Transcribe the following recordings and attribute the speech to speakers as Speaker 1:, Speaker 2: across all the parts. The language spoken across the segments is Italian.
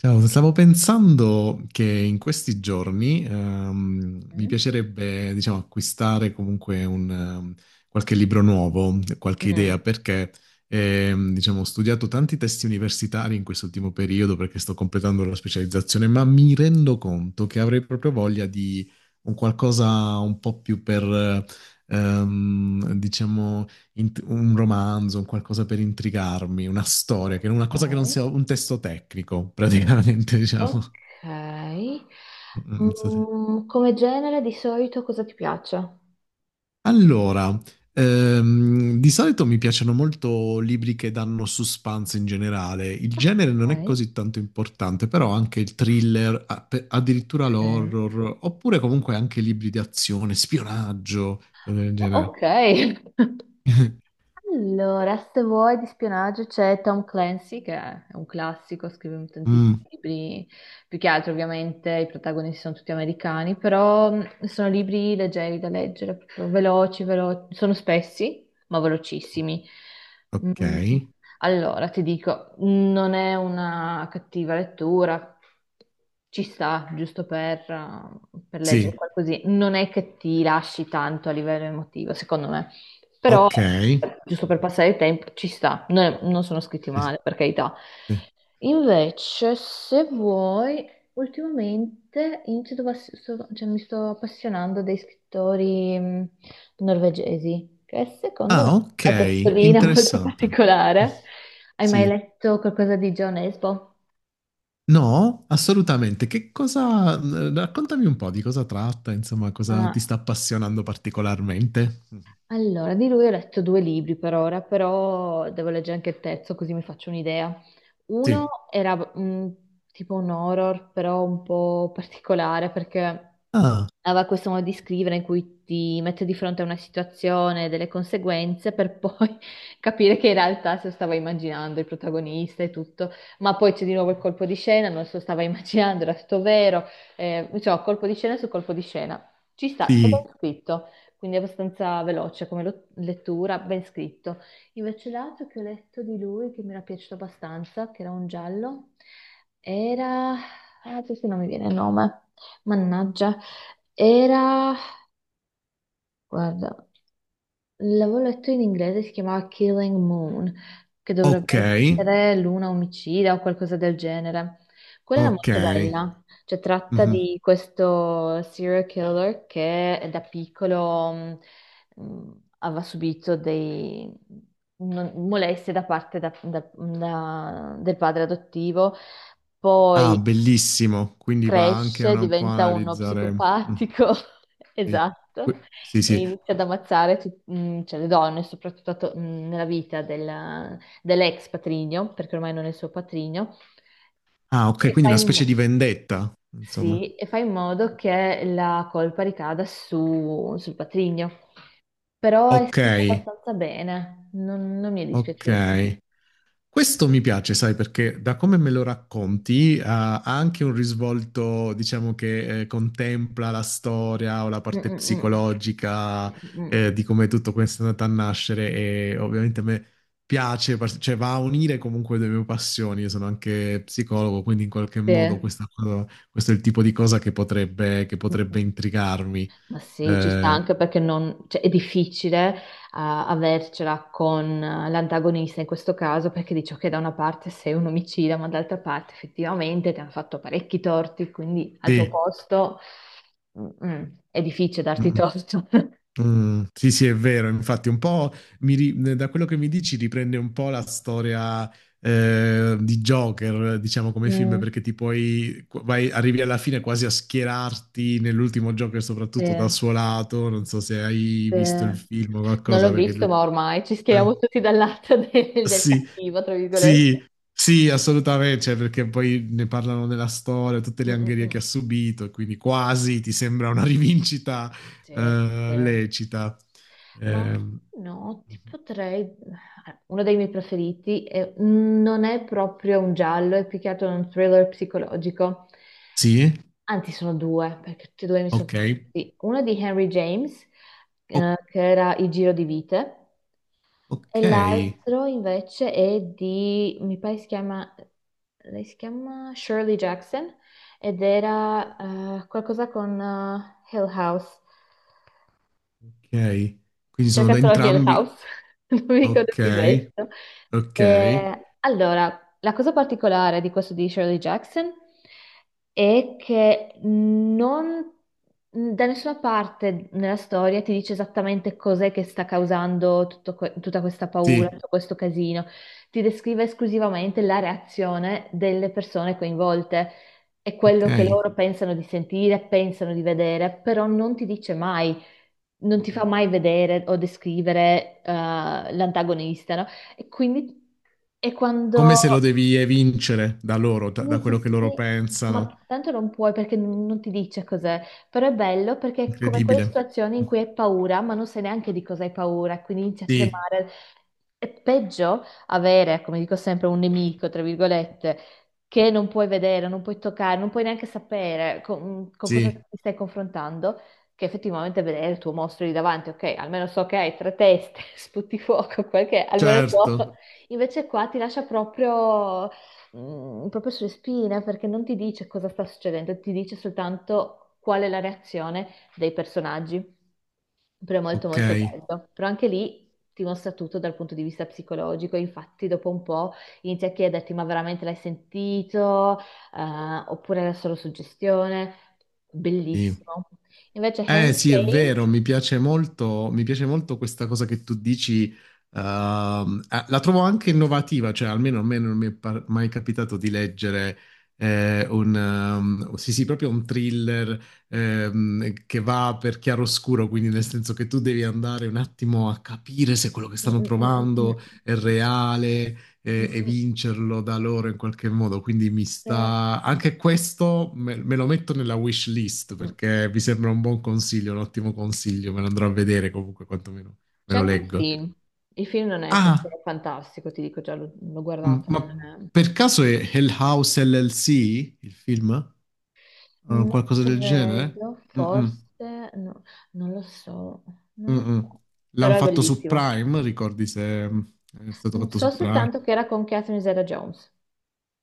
Speaker 1: Ciao, stavo pensando che in questi giorni mi
Speaker 2: Mm,
Speaker 1: piacerebbe, diciamo, acquistare comunque qualche libro nuovo, qualche
Speaker 2: mm.
Speaker 1: idea, perché diciamo, ho studiato tanti testi universitari in quest'ultimo periodo perché sto completando la specializzazione, ma mi rendo conto che avrei proprio voglia di un qualcosa un po' più per, diciamo, un romanzo, un qualcosa per intrigarmi, una storia, che una cosa che non sia
Speaker 2: Ok.
Speaker 1: un testo tecnico, praticamente,
Speaker 2: Ok.
Speaker 1: diciamo. Non so se-
Speaker 2: Come genere di solito cosa ti piace?
Speaker 1: Allora, di solito mi piacciono molto libri che danno suspense in generale. Il genere non è
Speaker 2: Ok.
Speaker 1: così tanto importante, però anche il thriller, addirittura
Speaker 2: Ok.
Speaker 1: l'horror, oppure comunque anche libri di azione, spionaggio, cose del
Speaker 2: Oh,
Speaker 1: genere.
Speaker 2: ok. Allora, se vuoi di spionaggio c'è Tom Clancy, che è un classico, scrive tantissimi
Speaker 1: Mm,
Speaker 2: libri, più che altro ovviamente i protagonisti sono tutti americani, però sono libri leggeri da leggere, proprio veloci, sono spessi, ma velocissimi.
Speaker 1: ok,
Speaker 2: Mm, Allora, ti dico, non è una cattiva lettura, ci sta, giusto per leggere
Speaker 1: sì,
Speaker 2: qualcosina, non è che ti lasci tanto a livello emotivo, secondo me, però
Speaker 1: ok.
Speaker 2: giusto per
Speaker 1: Mhm.
Speaker 2: passare il tempo, ci sta, non sono scritti
Speaker 1: Sì,
Speaker 2: male, per carità.
Speaker 1: sì.
Speaker 2: Invece, se vuoi, ultimamente inizio a pass- sto- cioè, mi sto appassionando dei scrittori norvegesi, che secondo me
Speaker 1: Ah, ok,
Speaker 2: ha una testolina molto
Speaker 1: interessante.
Speaker 2: particolare. Hai mai
Speaker 1: Sì.
Speaker 2: letto qualcosa di John Esbo?
Speaker 1: No, assolutamente. Raccontami un po' di cosa tratta, insomma, cosa ti
Speaker 2: Ah,
Speaker 1: sta appassionando particolarmente.
Speaker 2: allora, di lui ho letto due libri per ora, però devo leggere anche il terzo così mi faccio un'idea. Uno
Speaker 1: Sì.
Speaker 2: era tipo un horror, però un po' particolare perché
Speaker 1: Ah,
Speaker 2: aveva questo modo di scrivere in cui ti mette di fronte a una situazione, delle conseguenze, per poi capire che in realtà se lo stava immaginando il protagonista e tutto, ma poi c'è di nuovo il colpo di scena, non se lo stava immaginando, era tutto vero, insomma, colpo di scena su colpo di scena. Ci sta, è ben
Speaker 1: sì.
Speaker 2: scritto, quindi abbastanza veloce come lettura, ben scritto. Invece l'altro che ho letto di lui, che mi era piaciuto abbastanza, che era un giallo, era, ah, adesso non mi viene il nome, mannaggia, era, guarda. L'avevo letto in inglese, si chiamava Killing Moon, che
Speaker 1: Ok,
Speaker 2: dovrebbe essere Luna omicida o qualcosa del genere. Quella era
Speaker 1: ok.
Speaker 2: molto bella, cioè tratta
Speaker 1: Mhm.
Speaker 2: di questo serial killer che da piccolo mh, aveva subito dei molestie da parte del padre adottivo,
Speaker 1: Ah,
Speaker 2: poi
Speaker 1: bellissimo. Quindi va anche
Speaker 2: cresce,
Speaker 1: un po' a
Speaker 2: diventa uno
Speaker 1: analizzare. Mm,
Speaker 2: psicopatico,
Speaker 1: sì.
Speaker 2: esatto,
Speaker 1: Sì,
Speaker 2: e
Speaker 1: sì.
Speaker 2: inizia ad ammazzare cioè, le donne, soprattutto nella vita dell'ex patrigno, perché ormai non è il suo patrigno,
Speaker 1: Ah,
Speaker 2: e
Speaker 1: ok,
Speaker 2: fa
Speaker 1: quindi una
Speaker 2: in,
Speaker 1: specie
Speaker 2: mo-
Speaker 1: di vendetta, insomma.
Speaker 2: sì, e fa in modo che la colpa ricada sul patrigno. Però è
Speaker 1: Ok,
Speaker 2: scritto abbastanza bene, non mi è dispiaciuto.
Speaker 1: ok. Questo mi piace, sai, perché da come me lo racconti, ha anche un risvolto, diciamo, che contempla la storia o la
Speaker 2: Mm,
Speaker 1: parte
Speaker 2: mm, mm.
Speaker 1: psicologica
Speaker 2: Mm, mm.
Speaker 1: eh, di come tutto questo è andato a nascere e ovviamente a me piace, cioè va a unire comunque le mie passioni, io sono anche psicologo, quindi in qualche modo
Speaker 2: Sì.
Speaker 1: questo è il tipo di cosa che
Speaker 2: Mm,
Speaker 1: potrebbe
Speaker 2: mm.
Speaker 1: intrigarmi.
Speaker 2: Ma sì, ci sta
Speaker 1: Eh,
Speaker 2: anche perché cioè, è difficile avercela con l'antagonista in questo caso perché dice che da una parte sei un omicida, ma dall'altra parte effettivamente ti hanno fatto parecchi torti, quindi al tuo
Speaker 1: sì.
Speaker 2: posto mm, mm, è difficile darti torto.
Speaker 1: Mm, sì, sì, è vero. Infatti, un po' da quello che mi dici riprende un po' la storia di Joker, diciamo come film,
Speaker 2: Mm,
Speaker 1: perché arrivi alla fine quasi a schierarti nell'ultimo Joker,
Speaker 2: sì,
Speaker 1: soprattutto dal suo lato. Non so se hai
Speaker 2: sì.
Speaker 1: visto il film o
Speaker 2: Non
Speaker 1: qualcosa,
Speaker 2: l'ho
Speaker 1: perché
Speaker 2: visto,
Speaker 1: lui.
Speaker 2: ma ormai ci schieriamo
Speaker 1: Eh,
Speaker 2: tutti dal lato del
Speaker 1: sì,
Speaker 2: cattivo, tra virgolette.
Speaker 1: sì, sì, assolutamente. Cioè, perché poi ne parlano della storia, tutte
Speaker 2: Mm,
Speaker 1: le
Speaker 2: mm,
Speaker 1: angherie che ha
Speaker 2: mm.
Speaker 1: subito, e quindi quasi ti sembra una rivincita
Speaker 2: Sì, sì, sì.
Speaker 1: lecita.
Speaker 2: Ma
Speaker 1: Ehm,
Speaker 2: no, ti potrei. Uno dei miei preferiti non è proprio un giallo, è più che altro un thriller psicologico.
Speaker 1: sì?
Speaker 2: Anzi, sono due, perché tutti e due mi sono
Speaker 1: Ok.
Speaker 2: piaciuti. Uno di Henry James,
Speaker 1: O-
Speaker 2: che era Il giro di vite, e
Speaker 1: ok.
Speaker 2: l'altro invece è di, mi pare si chiama, lei si chiama Shirley Jackson, ed era qualcosa con Hill House.
Speaker 1: Ok. Quindi sono da
Speaker 2: Cercatelo anche il
Speaker 1: entrambi.
Speaker 2: house, non mi ricordo più il
Speaker 1: Ok.
Speaker 2: resto.
Speaker 1: Ok.
Speaker 2: Allora, la cosa particolare di questo di Shirley Jackson è che non da nessuna parte nella storia ti dice esattamente cos'è che sta causando tutto tutta questa paura,
Speaker 1: Sì.
Speaker 2: tutto questo casino. Ti descrive esclusivamente la reazione delle persone coinvolte e
Speaker 1: Ok.
Speaker 2: quello che loro pensano di sentire, pensano di vedere, però non ti dice mai, non ti fa mai vedere o descrivere l'antagonista, no? E quindi, e
Speaker 1: Come
Speaker 2: quando,
Speaker 1: se lo devi evincere da loro, da
Speaker 2: sì, sì,
Speaker 1: quello che loro
Speaker 2: sì,
Speaker 1: pensano.
Speaker 2: ma tanto non puoi perché non ti dice cos'è, però è bello perché è come quelle
Speaker 1: Incredibile.
Speaker 2: situazioni in cui hai paura, ma non sai neanche di cosa hai paura, quindi inizi a
Speaker 1: Sì.
Speaker 2: tremare. È peggio avere, come dico sempre, un nemico, tra virgolette, che non puoi vedere, non puoi toccare, non puoi neanche sapere con cosa
Speaker 1: Sì.
Speaker 2: ti stai confrontando, che effettivamente vedere il tuo mostro lì davanti, ok, almeno so che hai tre teste, sputi fuoco, quel che è, almeno
Speaker 1: Certo.
Speaker 2: so. Invece qua ti lascia proprio proprio sulle spine perché non ti dice cosa sta succedendo, ti dice soltanto qual è la reazione dei personaggi. Però è molto
Speaker 1: Ok.
Speaker 2: molto bello. Però anche lì ti mostra tutto dal punto di vista psicologico. Infatti, dopo un po' inizia a chiederti: ma veramente l'hai sentito? Oppure era solo suggestione?
Speaker 1: Sì.
Speaker 2: Bellissimo. Invece,
Speaker 1: Eh
Speaker 2: Henry
Speaker 1: sì, è vero,
Speaker 2: James.
Speaker 1: mi piace molto questa cosa che tu dici, la trovo anche innovativa, cioè almeno a me non mi è mai capitato di leggere sì sì, proprio un thriller, che va per chiaroscuro, quindi nel senso che tu devi andare un attimo a capire se quello che
Speaker 2: Mm,
Speaker 1: stanno
Speaker 2: mm, mm, mm,
Speaker 1: provando è reale,
Speaker 2: mm,
Speaker 1: e,
Speaker 2: mm,
Speaker 1: e
Speaker 2: mm,
Speaker 1: vincerlo da loro in qualche modo. Quindi mi
Speaker 2: eh,
Speaker 1: sta anche questo, me lo metto nella wish list
Speaker 2: mm,
Speaker 1: perché mi sembra un buon consiglio, un ottimo consiglio. Me lo andrò a vedere comunque, quantomeno me
Speaker 2: C'è
Speaker 1: lo
Speaker 2: anche un
Speaker 1: leggo.
Speaker 2: film. Il film non è
Speaker 1: Ah,
Speaker 2: proprio fantastico, ti dico già, l'ho guardato,
Speaker 1: ma
Speaker 2: non è.
Speaker 1: per caso è Hell House LLC il film?
Speaker 2: Non
Speaker 1: Qualcosa del genere?
Speaker 2: credo,
Speaker 1: Mm-mm,
Speaker 2: forse, no, non lo so, non lo
Speaker 1: mm-mm.
Speaker 2: so.
Speaker 1: L'hanno
Speaker 2: Però è
Speaker 1: fatto su
Speaker 2: bellissimo.
Speaker 1: Prime, ricordi se è stato fatto
Speaker 2: So
Speaker 1: su Prime?
Speaker 2: soltanto che era con Catherine Zeta-Jones.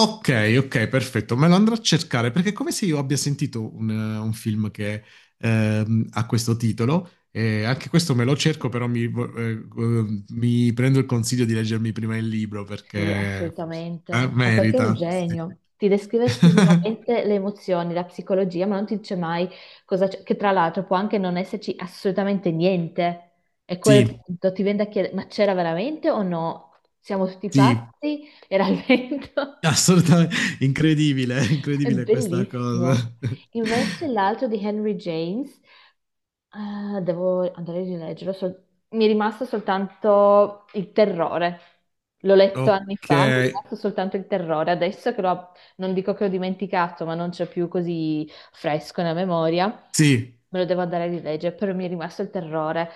Speaker 1: Ok, ok, perfetto. Me lo andrò a cercare perché è come se io abbia sentito un film che ha questo titolo. E anche questo me lo cerco, però mi prendo il consiglio di leggermi prima il libro
Speaker 2: Sì,
Speaker 1: perché forse,
Speaker 2: assolutamente. Ma perché è un
Speaker 1: merita. Sì.
Speaker 2: genio? Ti descrive esclusivamente le emozioni, la psicologia, ma non ti dice mai cosa c'è, che tra l'altro può anche non esserci assolutamente niente. E a quel
Speaker 1: Sì,
Speaker 2: punto ti viene da chiedere, ma c'era veramente o no? Siamo tutti
Speaker 1: sì,
Speaker 2: pazzi? Era il vento?
Speaker 1: assolutamente incredibile,
Speaker 2: È
Speaker 1: incredibile questa cosa.
Speaker 2: bellissimo. Invece l'altro di Henry James, devo andare a rileggerlo. Mi è rimasto soltanto il terrore. L'ho letto anni
Speaker 1: Ok,
Speaker 2: fa, mi è rimasto soltanto il terrore. Adesso che l'ho, non dico che l'ho dimenticato, ma non c'è più così fresco nella memoria,
Speaker 1: sì,
Speaker 2: me lo devo andare a rileggere, però mi è rimasto il terrore.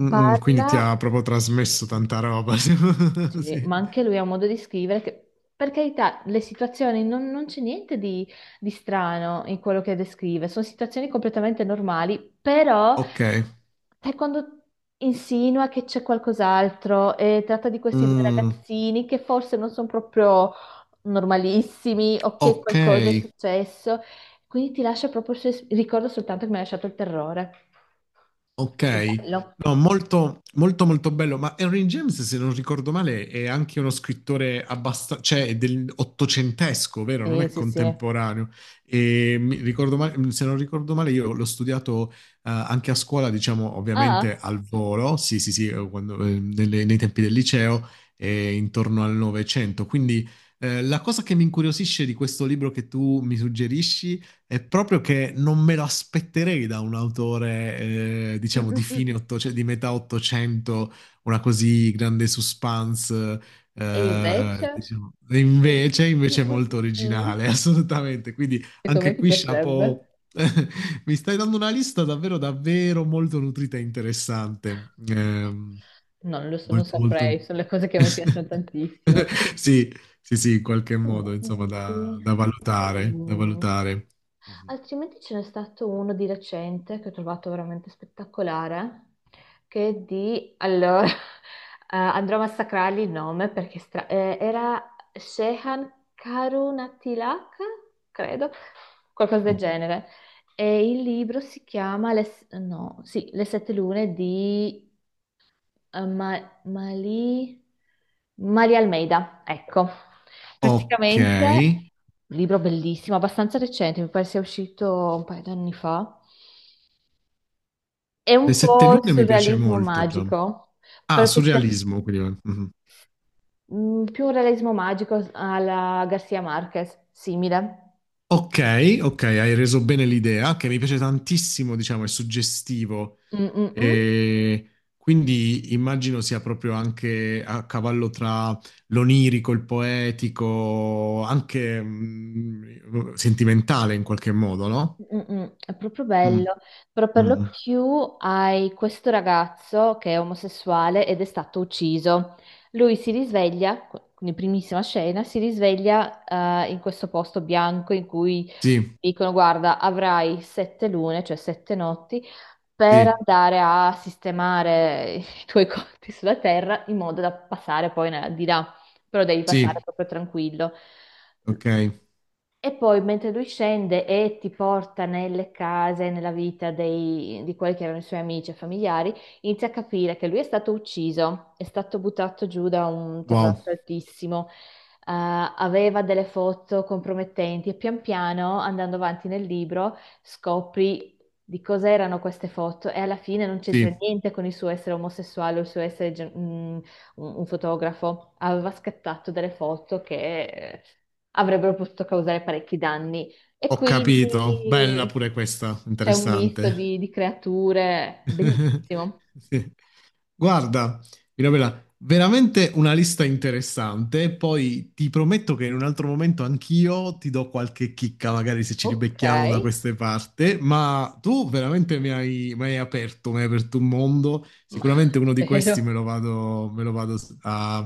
Speaker 1: Mm, quindi ti
Speaker 2: Parla.
Speaker 1: ha proprio trasmesso tanta roba.
Speaker 2: Sì, ma
Speaker 1: Sì.
Speaker 2: anche lui ha un modo di scrivere che, per carità, le situazioni non c'è niente di strano in quello che descrive, sono situazioni completamente normali, però
Speaker 1: Ok.
Speaker 2: sai quando insinua che c'è qualcos'altro e tratta di questi due
Speaker 1: Mm,
Speaker 2: ragazzini che forse non sono proprio normalissimi o che
Speaker 1: ok,
Speaker 2: qualcosa è successo, quindi ti lascia proprio, il ricordo soltanto che mi ha lasciato il terrore. Proprio
Speaker 1: ok.
Speaker 2: bello.
Speaker 1: No, molto, molto, molto bello. Ma Henry James, se non ricordo male, è anche uno scrittore abbastanza, cioè è del ottocentesco, vero? Non
Speaker 2: Sì,
Speaker 1: è
Speaker 2: sì, sì.
Speaker 1: contemporaneo. Se non ricordo male, io l'ho studiato anche a scuola, diciamo, ovviamente
Speaker 2: Ah.
Speaker 1: al volo, sì, sì, sì, nei tempi del liceo, intorno al Novecento. Quindi la cosa che mi incuriosisce di questo libro che tu mi suggerisci è proprio che non me lo aspetterei da un autore,
Speaker 2: Mm,
Speaker 1: diciamo,
Speaker 2: mm,
Speaker 1: di fine
Speaker 2: mm.
Speaker 1: 800 di metà 800, una così grande suspense.
Speaker 2: E invece?
Speaker 1: Diciamo. E
Speaker 2: Mm,
Speaker 1: invece, invece è
Speaker 2: mm,
Speaker 1: molto
Speaker 2: mm, mm.
Speaker 1: originale, assolutamente. Quindi
Speaker 2: Secondo me
Speaker 1: anche
Speaker 2: ti
Speaker 1: qui, chapeau.
Speaker 2: piacerebbe?
Speaker 1: Mi stai dando una lista davvero, davvero molto nutrita e interessante.
Speaker 2: Non lo so, non
Speaker 1: Molto, molto.
Speaker 2: saprei, sono le cose che a me piacciono tantissimo.
Speaker 1: Sì, sì, sì, in qualche modo, insomma,
Speaker 2: Altrimenti,
Speaker 1: da valutare, da
Speaker 2: mm.
Speaker 1: valutare. Mhm.
Speaker 2: Altrimenti ce n'è stato uno di recente che ho trovato veramente spettacolare, che è di. Allora, andrò a massacrargli il nome perché è era Shehan Karunatilaka, credo, qualcosa del
Speaker 1: O-
Speaker 2: genere. E il libro si chiama Le, no, sì, Le sette lune di eh, Ma- Mali- Maria Almeida. Ecco,
Speaker 1: Ok.
Speaker 2: praticamente
Speaker 1: Le
Speaker 2: un libro bellissimo, abbastanza recente, mi pare sia uscito un paio di anni fa. È un
Speaker 1: sette
Speaker 2: po' il
Speaker 1: lune mi piace
Speaker 2: surrealismo
Speaker 1: molto, già.
Speaker 2: magico,
Speaker 1: Ah,
Speaker 2: per questa-
Speaker 1: surrealismo, quindi. Mhm.
Speaker 2: più un realismo magico alla Garcia Marquez, simile.
Speaker 1: Ok, ok, hai reso bene l'idea, che mi piace tantissimo, diciamo, è suggestivo.
Speaker 2: Mm, mm, mm.
Speaker 1: E quindi immagino sia proprio anche a cavallo tra l'onirico, il poetico, anche sentimentale in qualche modo, no?
Speaker 2: Mm-mm, è proprio
Speaker 1: Mm,
Speaker 2: bello, però
Speaker 1: mm,
Speaker 2: per lo
Speaker 1: mm.
Speaker 2: più hai questo ragazzo che è omosessuale ed è stato ucciso. Lui si risveglia, in primissima scena, si risveglia in questo posto bianco in cui
Speaker 1: Sì,
Speaker 2: dicono: Guarda, avrai sette lune, cioè sette notti, per
Speaker 1: sì,
Speaker 2: andare a sistemare i tuoi conti sulla terra in modo da passare poi di là, però devi passare
Speaker 1: sì,
Speaker 2: proprio tranquillo.
Speaker 1: ok,
Speaker 2: E poi mentre lui scende e ti porta nelle case, nella vita di quelli che erano i suoi amici e familiari, inizia a capire che lui è stato ucciso, è stato buttato giù da un
Speaker 1: wow,
Speaker 2: terrazzo altissimo, aveva delle foto compromettenti e pian piano, andando avanti nel libro, scopri di cosa erano queste foto e alla fine non c'entra
Speaker 1: sì,
Speaker 2: niente con il suo essere omosessuale o il suo essere un fotografo, aveva scattato delle foto che avrebbero potuto causare parecchi danni. E
Speaker 1: ho capito, bella
Speaker 2: quindi
Speaker 1: pure questa,
Speaker 2: c'è un misto
Speaker 1: interessante.
Speaker 2: di creature bellissimo.
Speaker 1: Sì. Guarda, Mirabella, veramente una lista interessante. Poi ti prometto che in un altro momento anch'io ti do qualche chicca, magari se ci
Speaker 2: Ok,
Speaker 1: ribecchiamo da queste parti. Ma tu veramente mi hai aperto un mondo.
Speaker 2: ma
Speaker 1: Sicuramente uno di questi
Speaker 2: spero.
Speaker 1: me lo vado a,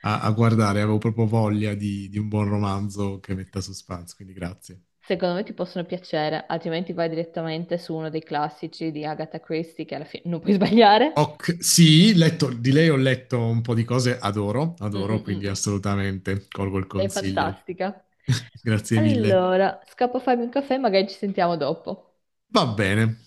Speaker 1: a guardare. Avevo proprio voglia di un buon romanzo che metta suspense, quindi grazie.
Speaker 2: Secondo me ti possono piacere, altrimenti vai direttamente su uno dei classici di Agatha Christie, che alla fine non puoi sbagliare.
Speaker 1: Ok, sì, di lei ho letto un po' di cose, adoro,
Speaker 2: Mm,
Speaker 1: adoro,
Speaker 2: mm, mm,
Speaker 1: quindi
Speaker 2: mm.
Speaker 1: assolutamente colgo il
Speaker 2: Sei
Speaker 1: consiglio.
Speaker 2: fantastica.
Speaker 1: Grazie mille.
Speaker 2: Allora, scappo a farmi un caffè, magari ci sentiamo dopo.
Speaker 1: Va bene.